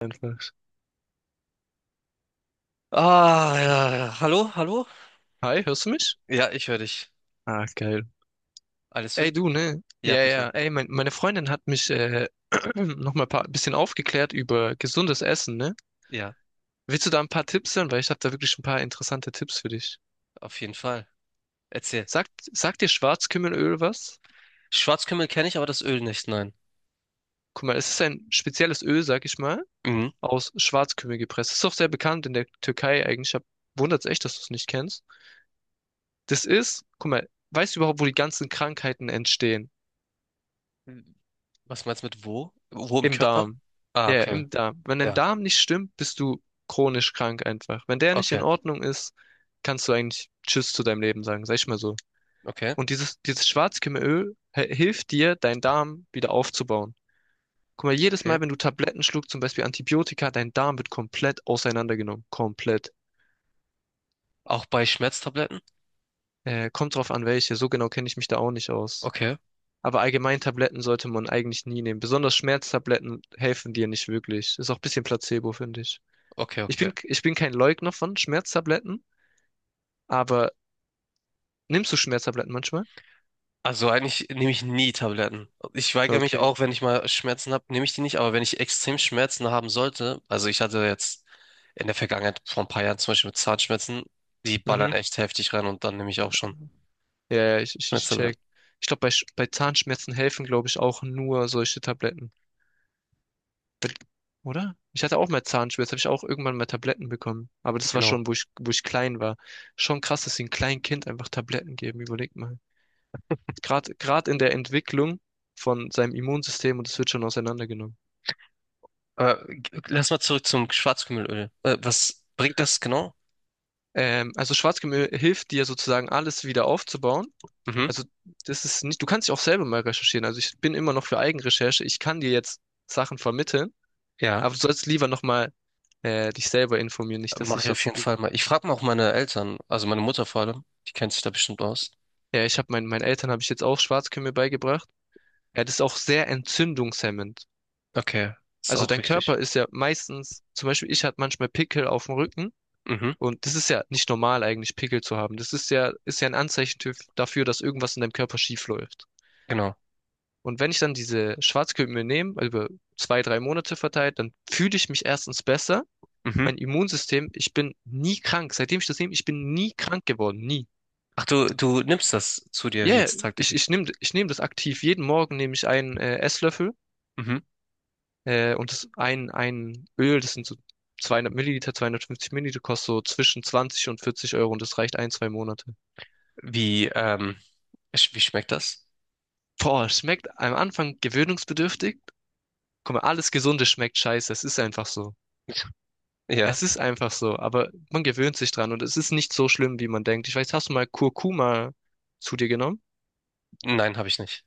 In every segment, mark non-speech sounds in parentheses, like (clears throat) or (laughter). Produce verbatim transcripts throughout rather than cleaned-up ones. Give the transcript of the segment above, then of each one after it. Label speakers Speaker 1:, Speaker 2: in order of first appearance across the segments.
Speaker 1: Einfach.
Speaker 2: Ah, ja, ja. Hallo, hallo?
Speaker 1: Hi, hörst du mich?
Speaker 2: Ja, ich höre dich.
Speaker 1: Ah, geil.
Speaker 2: Alles fit?
Speaker 1: Ey, du, ne?
Speaker 2: Ja,
Speaker 1: Ja,
Speaker 2: bitte.
Speaker 1: ja. Ey, mein, meine Freundin hat mich äh, (clears throat) nochmal ein paar, bisschen aufgeklärt über gesundes Essen, ne?
Speaker 2: Ja,
Speaker 1: Willst du da ein paar Tipps hören? Weil ich habe da wirklich ein paar interessante Tipps für dich.
Speaker 2: auf jeden Fall. Erzähl.
Speaker 1: Sagt, sagt dir Schwarzkümmelöl was?
Speaker 2: Schwarzkümmel kenne ich, aber das Öl nicht, nein.
Speaker 1: Guck mal, es ist ein spezielles Öl, sag ich mal,
Speaker 2: Mhm.
Speaker 1: aus Schwarzkümmel gepresst. Ist auch sehr bekannt in der Türkei eigentlich. Ich hab, wundert's echt, dass du es nicht kennst. Das ist, guck mal, weißt du überhaupt, wo die ganzen Krankheiten entstehen?
Speaker 2: Was meinst du mit wo? Wo im
Speaker 1: Im
Speaker 2: Körper?
Speaker 1: Darm.
Speaker 2: Ah,
Speaker 1: Ja,
Speaker 2: okay.
Speaker 1: im Darm. Wenn dein
Speaker 2: Ja,
Speaker 1: Darm nicht stimmt, bist du chronisch krank einfach. Wenn der nicht
Speaker 2: okay.
Speaker 1: in Ordnung ist, kannst du eigentlich Tschüss zu deinem Leben sagen, sag ich mal so.
Speaker 2: Okay,
Speaker 1: Und dieses, dieses Schwarzkümmelöl he- hilft dir, deinen Darm wieder aufzubauen. Guck mal, jedes Mal,
Speaker 2: okay.
Speaker 1: wenn du Tabletten schluckst, zum Beispiel Antibiotika, dein Darm wird komplett auseinandergenommen. Komplett.
Speaker 2: Auch bei Schmerztabletten?
Speaker 1: Äh, kommt drauf an, welche. So genau kenne ich mich da auch nicht aus.
Speaker 2: Okay,
Speaker 1: Aber allgemein Tabletten sollte man eigentlich nie nehmen. Besonders Schmerztabletten helfen dir nicht wirklich. Ist auch ein bisschen Placebo, finde ich.
Speaker 2: okay,
Speaker 1: Ich
Speaker 2: okay.
Speaker 1: bin, ich bin kein Leugner von Schmerztabletten, aber nimmst du Schmerztabletten manchmal?
Speaker 2: Also eigentlich nehme ich nie Tabletten. Ich weigere mich
Speaker 1: Okay.
Speaker 2: auch, wenn ich mal Schmerzen habe, nehme ich die nicht. Aber wenn ich extrem Schmerzen haben sollte, also ich hatte jetzt in der Vergangenheit vor ein paar Jahren zum Beispiel mit Zahnschmerzen, die ballern
Speaker 1: Mhm.
Speaker 2: echt heftig rein und dann nehme ich auch schon
Speaker 1: Ja, ja, ich, ich, ich
Speaker 2: Schmerztabletten.
Speaker 1: check. Ich glaube, bei, Sch- bei Zahnschmerzen helfen, glaube ich, auch nur solche Tabletten, oder? Ich hatte auch mal Zahnschmerzen, habe ich auch irgendwann mal Tabletten bekommen. Aber das war
Speaker 2: Genau.
Speaker 1: schon, wo ich, wo ich klein war. Schon krass, dass sie einem kleinen Kind einfach Tabletten geben, überleg mal. Gerade, gerade in der Entwicklung von seinem Immunsystem und es wird schon auseinandergenommen.
Speaker 2: Aber g- lass mal zurück zum Schwarzkümmelöl. Äh, was bringt das genau?
Speaker 1: Ähm, also Schwarzgemüse hilft dir sozusagen alles wieder aufzubauen.
Speaker 2: Mhm.
Speaker 1: Also, das ist nicht, du kannst dich auch selber mal recherchieren. Also, ich bin immer noch für Eigenrecherche. Ich kann dir jetzt Sachen vermitteln,
Speaker 2: Ja,
Speaker 1: aber du sollst lieber nochmal äh, dich selber informieren. Nicht, dass
Speaker 2: mache
Speaker 1: ich
Speaker 2: ich auf
Speaker 1: jetzt,
Speaker 2: jeden Fall
Speaker 1: irgend-
Speaker 2: mal. Ich frage mal auch meine Eltern, also meine Mutter vor allem, die kennt sich da bestimmt aus.
Speaker 1: ja, ich habe meinen meinen Eltern habe ich jetzt auch Schwarzkümmel beigebracht. Ja, das ist auch sehr entzündungshemmend.
Speaker 2: Okay, ist
Speaker 1: Also,
Speaker 2: auch
Speaker 1: dein
Speaker 2: wichtig.
Speaker 1: Körper ist ja meistens, zum Beispiel, ich hatte manchmal Pickel auf dem Rücken.
Speaker 2: Mhm,
Speaker 1: Und das ist ja nicht normal eigentlich, Pickel zu haben. Das ist ja, ist ja ein Anzeichen dafür, dass irgendwas in deinem Körper schief läuft.
Speaker 2: genau.
Speaker 1: Und wenn ich dann diese Schwarzkümmel nehme, also über zwei, drei Monate verteilt, dann fühle ich mich erstens besser.
Speaker 2: Mhm.
Speaker 1: Mein Immunsystem, ich bin nie krank. Seitdem ich das nehme, ich bin nie krank geworden. Nie.
Speaker 2: Ach, du, du nimmst das zu dir
Speaker 1: Ja, ja,
Speaker 2: jetzt
Speaker 1: ich,
Speaker 2: tagtäglich.
Speaker 1: ich nehme ich nehm das aktiv. Jeden Morgen nehme ich einen äh, Esslöffel
Speaker 2: Mhm.
Speaker 1: äh, und das ein, ein Öl, das sind so zweihundert Milliliter, zweihundertfünfzig Milliliter, kostet so zwischen zwanzig und vierzig Euro und das reicht ein, zwei Monate.
Speaker 2: Wie, ähm, sch- wie schmeckt das?
Speaker 1: Boah, schmeckt am Anfang gewöhnungsbedürftig. Guck mal, alles Gesunde schmeckt scheiße. Es ist einfach so.
Speaker 2: (laughs) Ja,
Speaker 1: Es ist einfach so, aber man gewöhnt sich dran und es ist nicht so schlimm, wie man denkt. Ich weiß, hast du mal Kurkuma zu dir genommen?
Speaker 2: nein, habe ich nicht.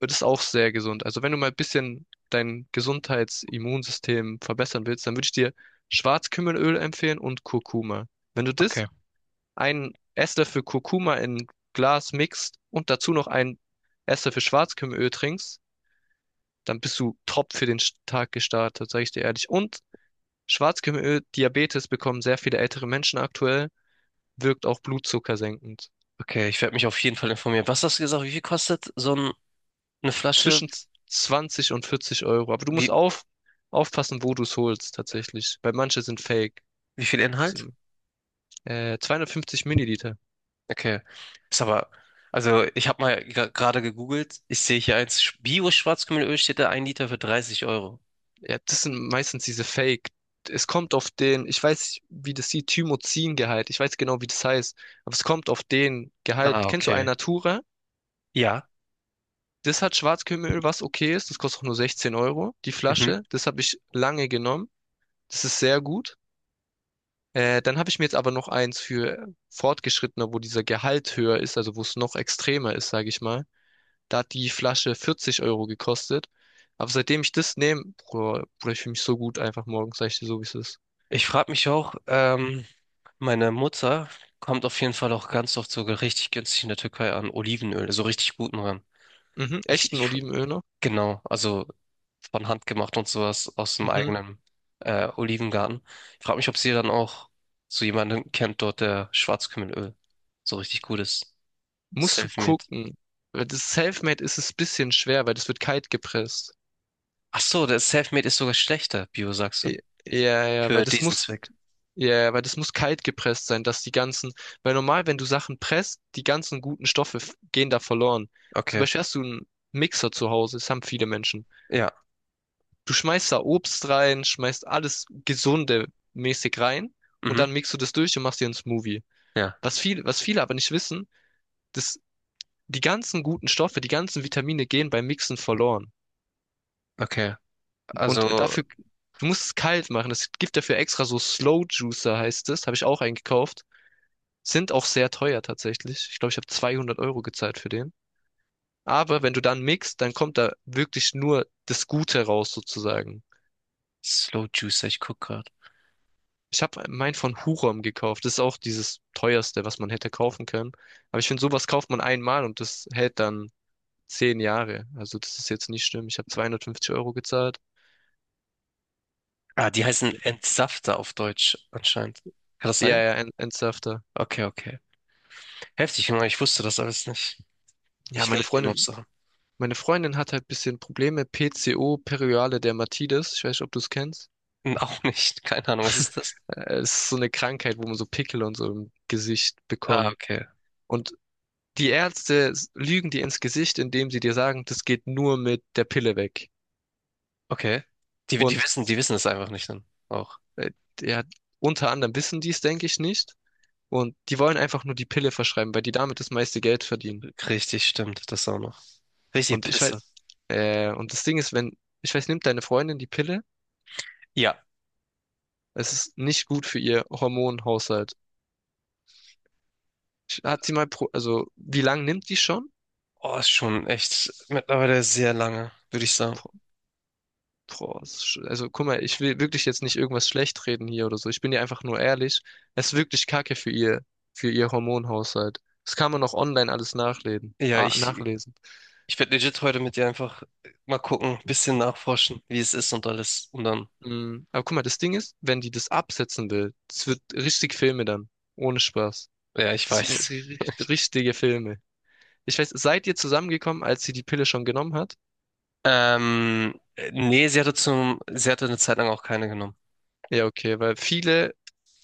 Speaker 1: Und das ist auch sehr gesund. Also wenn du mal ein bisschen dein Gesundheitsimmunsystem verbessern willst, dann würde ich dir Schwarzkümmelöl empfehlen und Kurkuma. Wenn du das,
Speaker 2: Okay,
Speaker 1: einen Esslöffel Kurkuma in ein Glas mixt und dazu noch einen Esslöffel Schwarzkümmelöl trinkst, dann bist du top für den Tag gestartet, sage ich dir ehrlich. Und Schwarzkümmelöl, Diabetes bekommen sehr viele ältere Menschen aktuell. Wirkt auch Blutzucker senkend.
Speaker 2: okay, ich werde mich auf jeden Fall informieren. Was hast du gesagt? Wie viel kostet so ein, eine Flasche?
Speaker 1: Zwischen zwanzig und vierzig Euro. Aber du
Speaker 2: Wie,
Speaker 1: musst auf, aufpassen, wo du es holst, tatsächlich. Weil manche sind fake.
Speaker 2: wie viel Inhalt?
Speaker 1: Äh, zweihundertfünfzig Milliliter.
Speaker 2: Okay, ist aber, also ich habe mal gra- gerade gegoogelt. Ich sehe hier eins, Bio-Schwarzkümmelöl steht da, ein Liter für dreißig Euro.
Speaker 1: Ja, das sind meistens diese Fake. Es kommt auf den, ich weiß, wie das sieht, Thymozingehalt. Ich weiß genau, wie das heißt. Aber es kommt auf den
Speaker 2: Ah,
Speaker 1: Gehalt. Kennst du
Speaker 2: okay.
Speaker 1: Alnatura?
Speaker 2: Ja.
Speaker 1: Das hat Schwarzkümmelöl, was okay ist. Das kostet auch nur sechzehn Euro, die
Speaker 2: Mhm.
Speaker 1: Flasche. Das habe ich lange genommen. Das ist sehr gut. Äh, dann habe ich mir jetzt aber noch eins für Fortgeschrittene, wo dieser Gehalt höher ist, also wo es noch extremer ist, sage ich mal. Da hat die Flasche vierzig Euro gekostet. Aber seitdem ich das nehme, Bruder, Bruder, ich fühle mich so gut einfach morgens, sag ich dir so, wie es ist.
Speaker 2: Ich frage mich auch, ähm, meine Mutter kommt auf jeden Fall auch ganz oft sogar richtig günstig in der Türkei an Olivenöl, so richtig guten ran.
Speaker 1: Mhm,
Speaker 2: Ich,
Speaker 1: echten
Speaker 2: ich,
Speaker 1: Olivenöl noch?
Speaker 2: genau, also von Hand gemacht und sowas aus dem
Speaker 1: Mhm.
Speaker 2: eigenen äh, Olivengarten. Ich frage mich, ob sie dann auch so jemanden kennt dort, der Schwarzkümmelöl so richtig gut ist.
Speaker 1: Musst du
Speaker 2: Selfmade.
Speaker 1: gucken. Weil das Selfmade ist es ein bisschen schwer, weil das wird kalt gepresst.
Speaker 2: Ach so, das Selfmade ist sogar schlechter, Bio, sagst du?
Speaker 1: I- Ja, ja, weil
Speaker 2: Für
Speaker 1: das
Speaker 2: diesen
Speaker 1: muss
Speaker 2: Zweck.
Speaker 1: Ja, weil das muss kalt gepresst sein, dass die ganzen, weil normal, wenn du Sachen presst, die ganzen guten Stoffe f- gehen da verloren. Zum
Speaker 2: Okay,
Speaker 1: Beispiel hast du einen Mixer zu Hause, das haben viele Menschen.
Speaker 2: ja,
Speaker 1: Du schmeißt da Obst rein, schmeißt alles gesunde mäßig rein und
Speaker 2: mhm,
Speaker 1: dann mixt du das durch und machst dir einen Smoothie.
Speaker 2: ja,
Speaker 1: Was viele, was viele aber nicht wissen, dass die ganzen guten Stoffe, die ganzen Vitamine gehen beim Mixen verloren.
Speaker 2: okay.
Speaker 1: Und
Speaker 2: Also
Speaker 1: dafür, du musst es kalt machen. Es gibt dafür extra so Slow Juicer heißt es, habe ich auch einen gekauft. Sind auch sehr teuer tatsächlich. Ich glaube, ich habe zweihundert Euro gezahlt für den. Aber wenn du dann mixt, dann kommt da wirklich nur das Gute raus sozusagen.
Speaker 2: Slow Juicer, ich guck grad.
Speaker 1: Ich habe meinen von Hurom gekauft. Das ist auch dieses teuerste, was man hätte kaufen können. Aber ich finde, sowas kauft man einmal und das hält dann zehn Jahre. Also das ist jetzt nicht schlimm. Ich habe zweihundertfünfzig Euro gezahlt.
Speaker 2: Ah, die heißen
Speaker 1: Okay.
Speaker 2: Entsafter auf Deutsch anscheinend. Kann das
Speaker 1: Ja,
Speaker 2: sein?
Speaker 1: ja, en- ernsthafter.
Speaker 2: Okay, okay. Heftig, Junge, ich wusste das alles nicht.
Speaker 1: Ja,
Speaker 2: Ich
Speaker 1: meine
Speaker 2: lerne hier noch
Speaker 1: Freundin,
Speaker 2: Sachen.
Speaker 1: meine Freundin hat halt bisschen Probleme. P C O, Periale Dermatitis. Ich weiß nicht, ob du es kennst.
Speaker 2: (laughs) Hm, auch nicht. Keine Ahnung, was ist das?
Speaker 1: Äh, Es ist so eine Krankheit, wo man so Pickel und so im Gesicht
Speaker 2: Ah,
Speaker 1: bekommt.
Speaker 2: okay.
Speaker 1: Und die Ärzte s- lügen dir ins Gesicht, indem sie dir sagen, das geht nur mit der Pille weg.
Speaker 2: Okay. Die, die
Speaker 1: Und
Speaker 2: wissen, die wissen es einfach nicht dann. Auch.
Speaker 1: äh, ja, unter anderem wissen die es, denke ich, nicht. Und die wollen einfach nur die Pille verschreiben, weil die damit das meiste Geld verdienen.
Speaker 2: Richtig, stimmt. Das auch noch. Richtig
Speaker 1: Und ich halt,
Speaker 2: Pisse.
Speaker 1: äh, und das Ding ist, wenn, ich weiß, nimmt deine Freundin die Pille,
Speaker 2: Ja.
Speaker 1: es ist nicht gut für ihr Hormonhaushalt. Ich- Hat sie mal, pro, Also, wie lange nimmt die schon?
Speaker 2: Oh, ist schon echt mittlerweile sehr lange, würde ich sagen.
Speaker 1: Boah, es ist sch- also guck mal, ich will wirklich jetzt nicht irgendwas schlecht reden hier oder so. Ich bin ja einfach nur ehrlich. Es ist wirklich Kacke für ihr, für ihr Hormonhaushalt. Das kann man auch online alles nachlesen.
Speaker 2: Ja,
Speaker 1: Ah,
Speaker 2: ich,
Speaker 1: nachlesen.
Speaker 2: ich werde legit heute mit dir einfach mal gucken, bisschen nachforschen, wie es ist und alles. Und dann,
Speaker 1: Mm, aber guck mal, das Ding ist, wenn die das absetzen will, das wird richtig Filme dann. Ohne Spaß.
Speaker 2: ja, ich
Speaker 1: Das werden
Speaker 2: weiß.
Speaker 1: ri- ri- richtige Filme. Ich weiß, seid ihr zusammengekommen, als sie die Pille schon genommen hat?
Speaker 2: Ähm, nee, sie hatte zum, sie hatte eine Zeit lang auch keine genommen.
Speaker 1: Ja, okay, weil viele,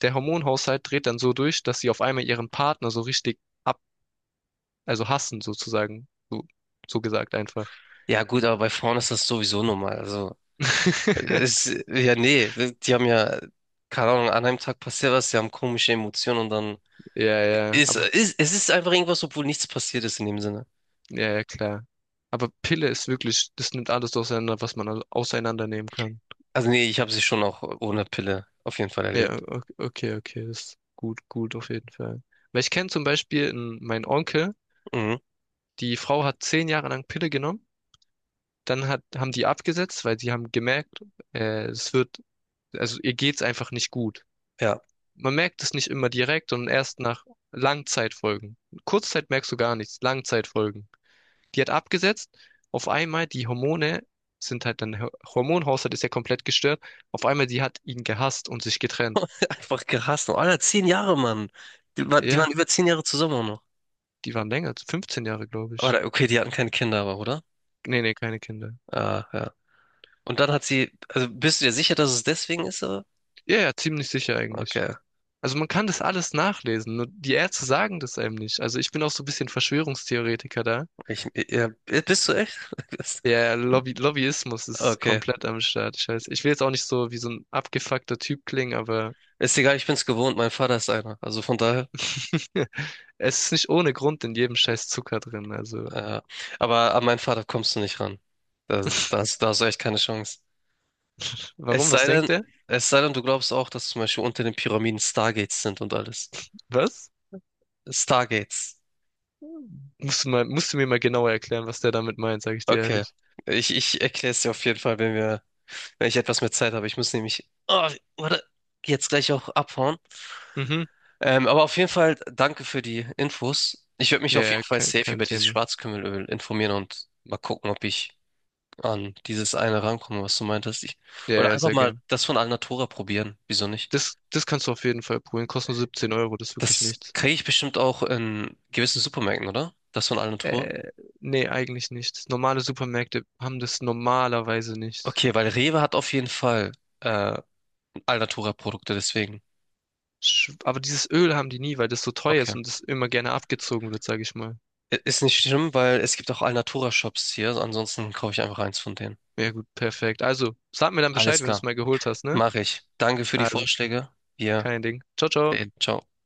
Speaker 1: der Hormonhaushalt dreht dann so durch, dass sie auf einmal ihren Partner so richtig also hassen sozusagen. So, so gesagt einfach.
Speaker 2: Ja, gut, aber bei Frauen ist das sowieso normal. Also, es,
Speaker 1: (laughs)
Speaker 2: ja, nee, die haben ja, keine Ahnung, an einem Tag passiert was, sie haben komische Emotionen und dann
Speaker 1: Ja, ja,
Speaker 2: ist,
Speaker 1: aber
Speaker 2: ist, es ist einfach irgendwas, obwohl nichts passiert ist in dem Sinne.
Speaker 1: ja, ja, klar. Aber Pille ist wirklich, das nimmt alles auseinander, was man au- auseinandernehmen kann.
Speaker 2: Also, nee, ich habe sie schon auch ohne Pille auf jeden Fall
Speaker 1: Ja,
Speaker 2: erlebt.
Speaker 1: o- okay, okay, das ist gut, gut auf jeden Fall. Weil ich kenne zum Beispiel n- meinen Onkel,
Speaker 2: Mhm,
Speaker 1: die Frau hat zehn Jahre lang Pille genommen, dann hat, haben die abgesetzt, weil sie haben gemerkt, äh, es wird, also ihr geht's einfach nicht gut.
Speaker 2: ja,
Speaker 1: Man merkt es nicht immer direkt, sondern erst nach Langzeitfolgen. Kurzzeit merkst du gar nichts, Langzeitfolgen. Die hat abgesetzt. Auf einmal die Hormone sind halt dann, Ho- Hormonhaushalt ist ja komplett gestört. Auf einmal die hat ihn gehasst und sich getrennt.
Speaker 2: (laughs) einfach gehasst. Und Alter, zehn Jahre, Mann. Die, war- die
Speaker 1: Ja,
Speaker 2: waren über zehn Jahre zusammen auch noch.
Speaker 1: die waren länger, fünfzehn Jahre, glaube ich.
Speaker 2: Aber okay, die hatten keine Kinder, aber, oder?
Speaker 1: Nee, nee, keine Kinder.
Speaker 2: Ah, ja. Und dann hat sie, also bist du dir sicher, dass es deswegen ist? äh?
Speaker 1: Ja, ja, ziemlich sicher eigentlich.
Speaker 2: Okay.
Speaker 1: Also man kann das alles nachlesen, nur die Ärzte sagen das einem nicht. Also ich bin auch so ein bisschen Verschwörungstheoretiker da.
Speaker 2: Ich, ja, bist du echt? (laughs)
Speaker 1: Der Lobby Lobbyismus ist
Speaker 2: Okay.
Speaker 1: komplett am Start. Ich weiß, ich will jetzt auch nicht so wie so ein abgefuckter Typ klingen, aber
Speaker 2: Ist egal, ich bin's gewohnt. Mein Vater ist einer. Also von daher.
Speaker 1: (laughs) es ist nicht ohne Grund in jedem scheiß Zucker drin. Also
Speaker 2: Äh, aber an meinen Vater kommst du nicht ran. Das ist, da hast da hast du echt keine Chance. Es
Speaker 1: warum?
Speaker 2: sei
Speaker 1: Was
Speaker 2: denn,
Speaker 1: denkt der?
Speaker 2: es sei denn, du glaubst auch, dass zum Beispiel unter den Pyramiden Stargates sind und alles.
Speaker 1: Was?
Speaker 2: Stargates.
Speaker 1: Musst du mal, musst du mir mal genauer erklären, was der damit meint, sage ich dir
Speaker 2: Okay.
Speaker 1: ehrlich.
Speaker 2: Ich, ich erkläre es dir auf jeden Fall, wenn wir, wenn ich etwas mehr Zeit habe. Ich muss nämlich, oh, warte, jetzt gleich auch abhauen.
Speaker 1: Mhm.
Speaker 2: Ähm, aber auf jeden Fall danke für die Infos. Ich werde mich
Speaker 1: Ja,
Speaker 2: auf jeden
Speaker 1: ja,
Speaker 2: Fall
Speaker 1: kein,
Speaker 2: safe
Speaker 1: kein
Speaker 2: über dieses
Speaker 1: Thema.
Speaker 2: Schwarzkümmelöl informieren und mal gucken, ob ich an dieses eine rankomme, was du meintest. Ich,
Speaker 1: Ja,
Speaker 2: oder
Speaker 1: ja,
Speaker 2: einfach
Speaker 1: sehr
Speaker 2: mal
Speaker 1: gern.
Speaker 2: das von Alnatura probieren. Wieso nicht?
Speaker 1: Das, das kannst du auf jeden Fall poolen. Kostet nur siebzehn Euro, das ist wirklich
Speaker 2: Das
Speaker 1: nichts.
Speaker 2: kriege ich bestimmt auch in gewissen Supermärkten, oder? Das von Alnatura?
Speaker 1: Äh, nee, eigentlich nicht. Normale Supermärkte haben das normalerweise nicht.
Speaker 2: Okay, weil Rewe hat auf jeden Fall äh, Alnatura-Produkte, deswegen.
Speaker 1: Sch- Aber dieses Öl haben die nie, weil das so teuer
Speaker 2: Okay.
Speaker 1: ist und das immer gerne abgezogen wird, sage ich mal.
Speaker 2: I- Ist nicht schlimm, weil es gibt auch Alnatura-Shops hier. So ansonsten kaufe ich einfach eins von denen.
Speaker 1: Ja gut, perfekt. Also, sag mir dann Bescheid,
Speaker 2: Alles
Speaker 1: wenn du es
Speaker 2: klar.
Speaker 1: mal geholt hast, ne?
Speaker 2: Mache ich. Danke für die
Speaker 1: Also,
Speaker 2: Vorschläge. Wir
Speaker 1: kein Ding. Ciao,
Speaker 2: bis
Speaker 1: ciao.
Speaker 2: dahin, ciao.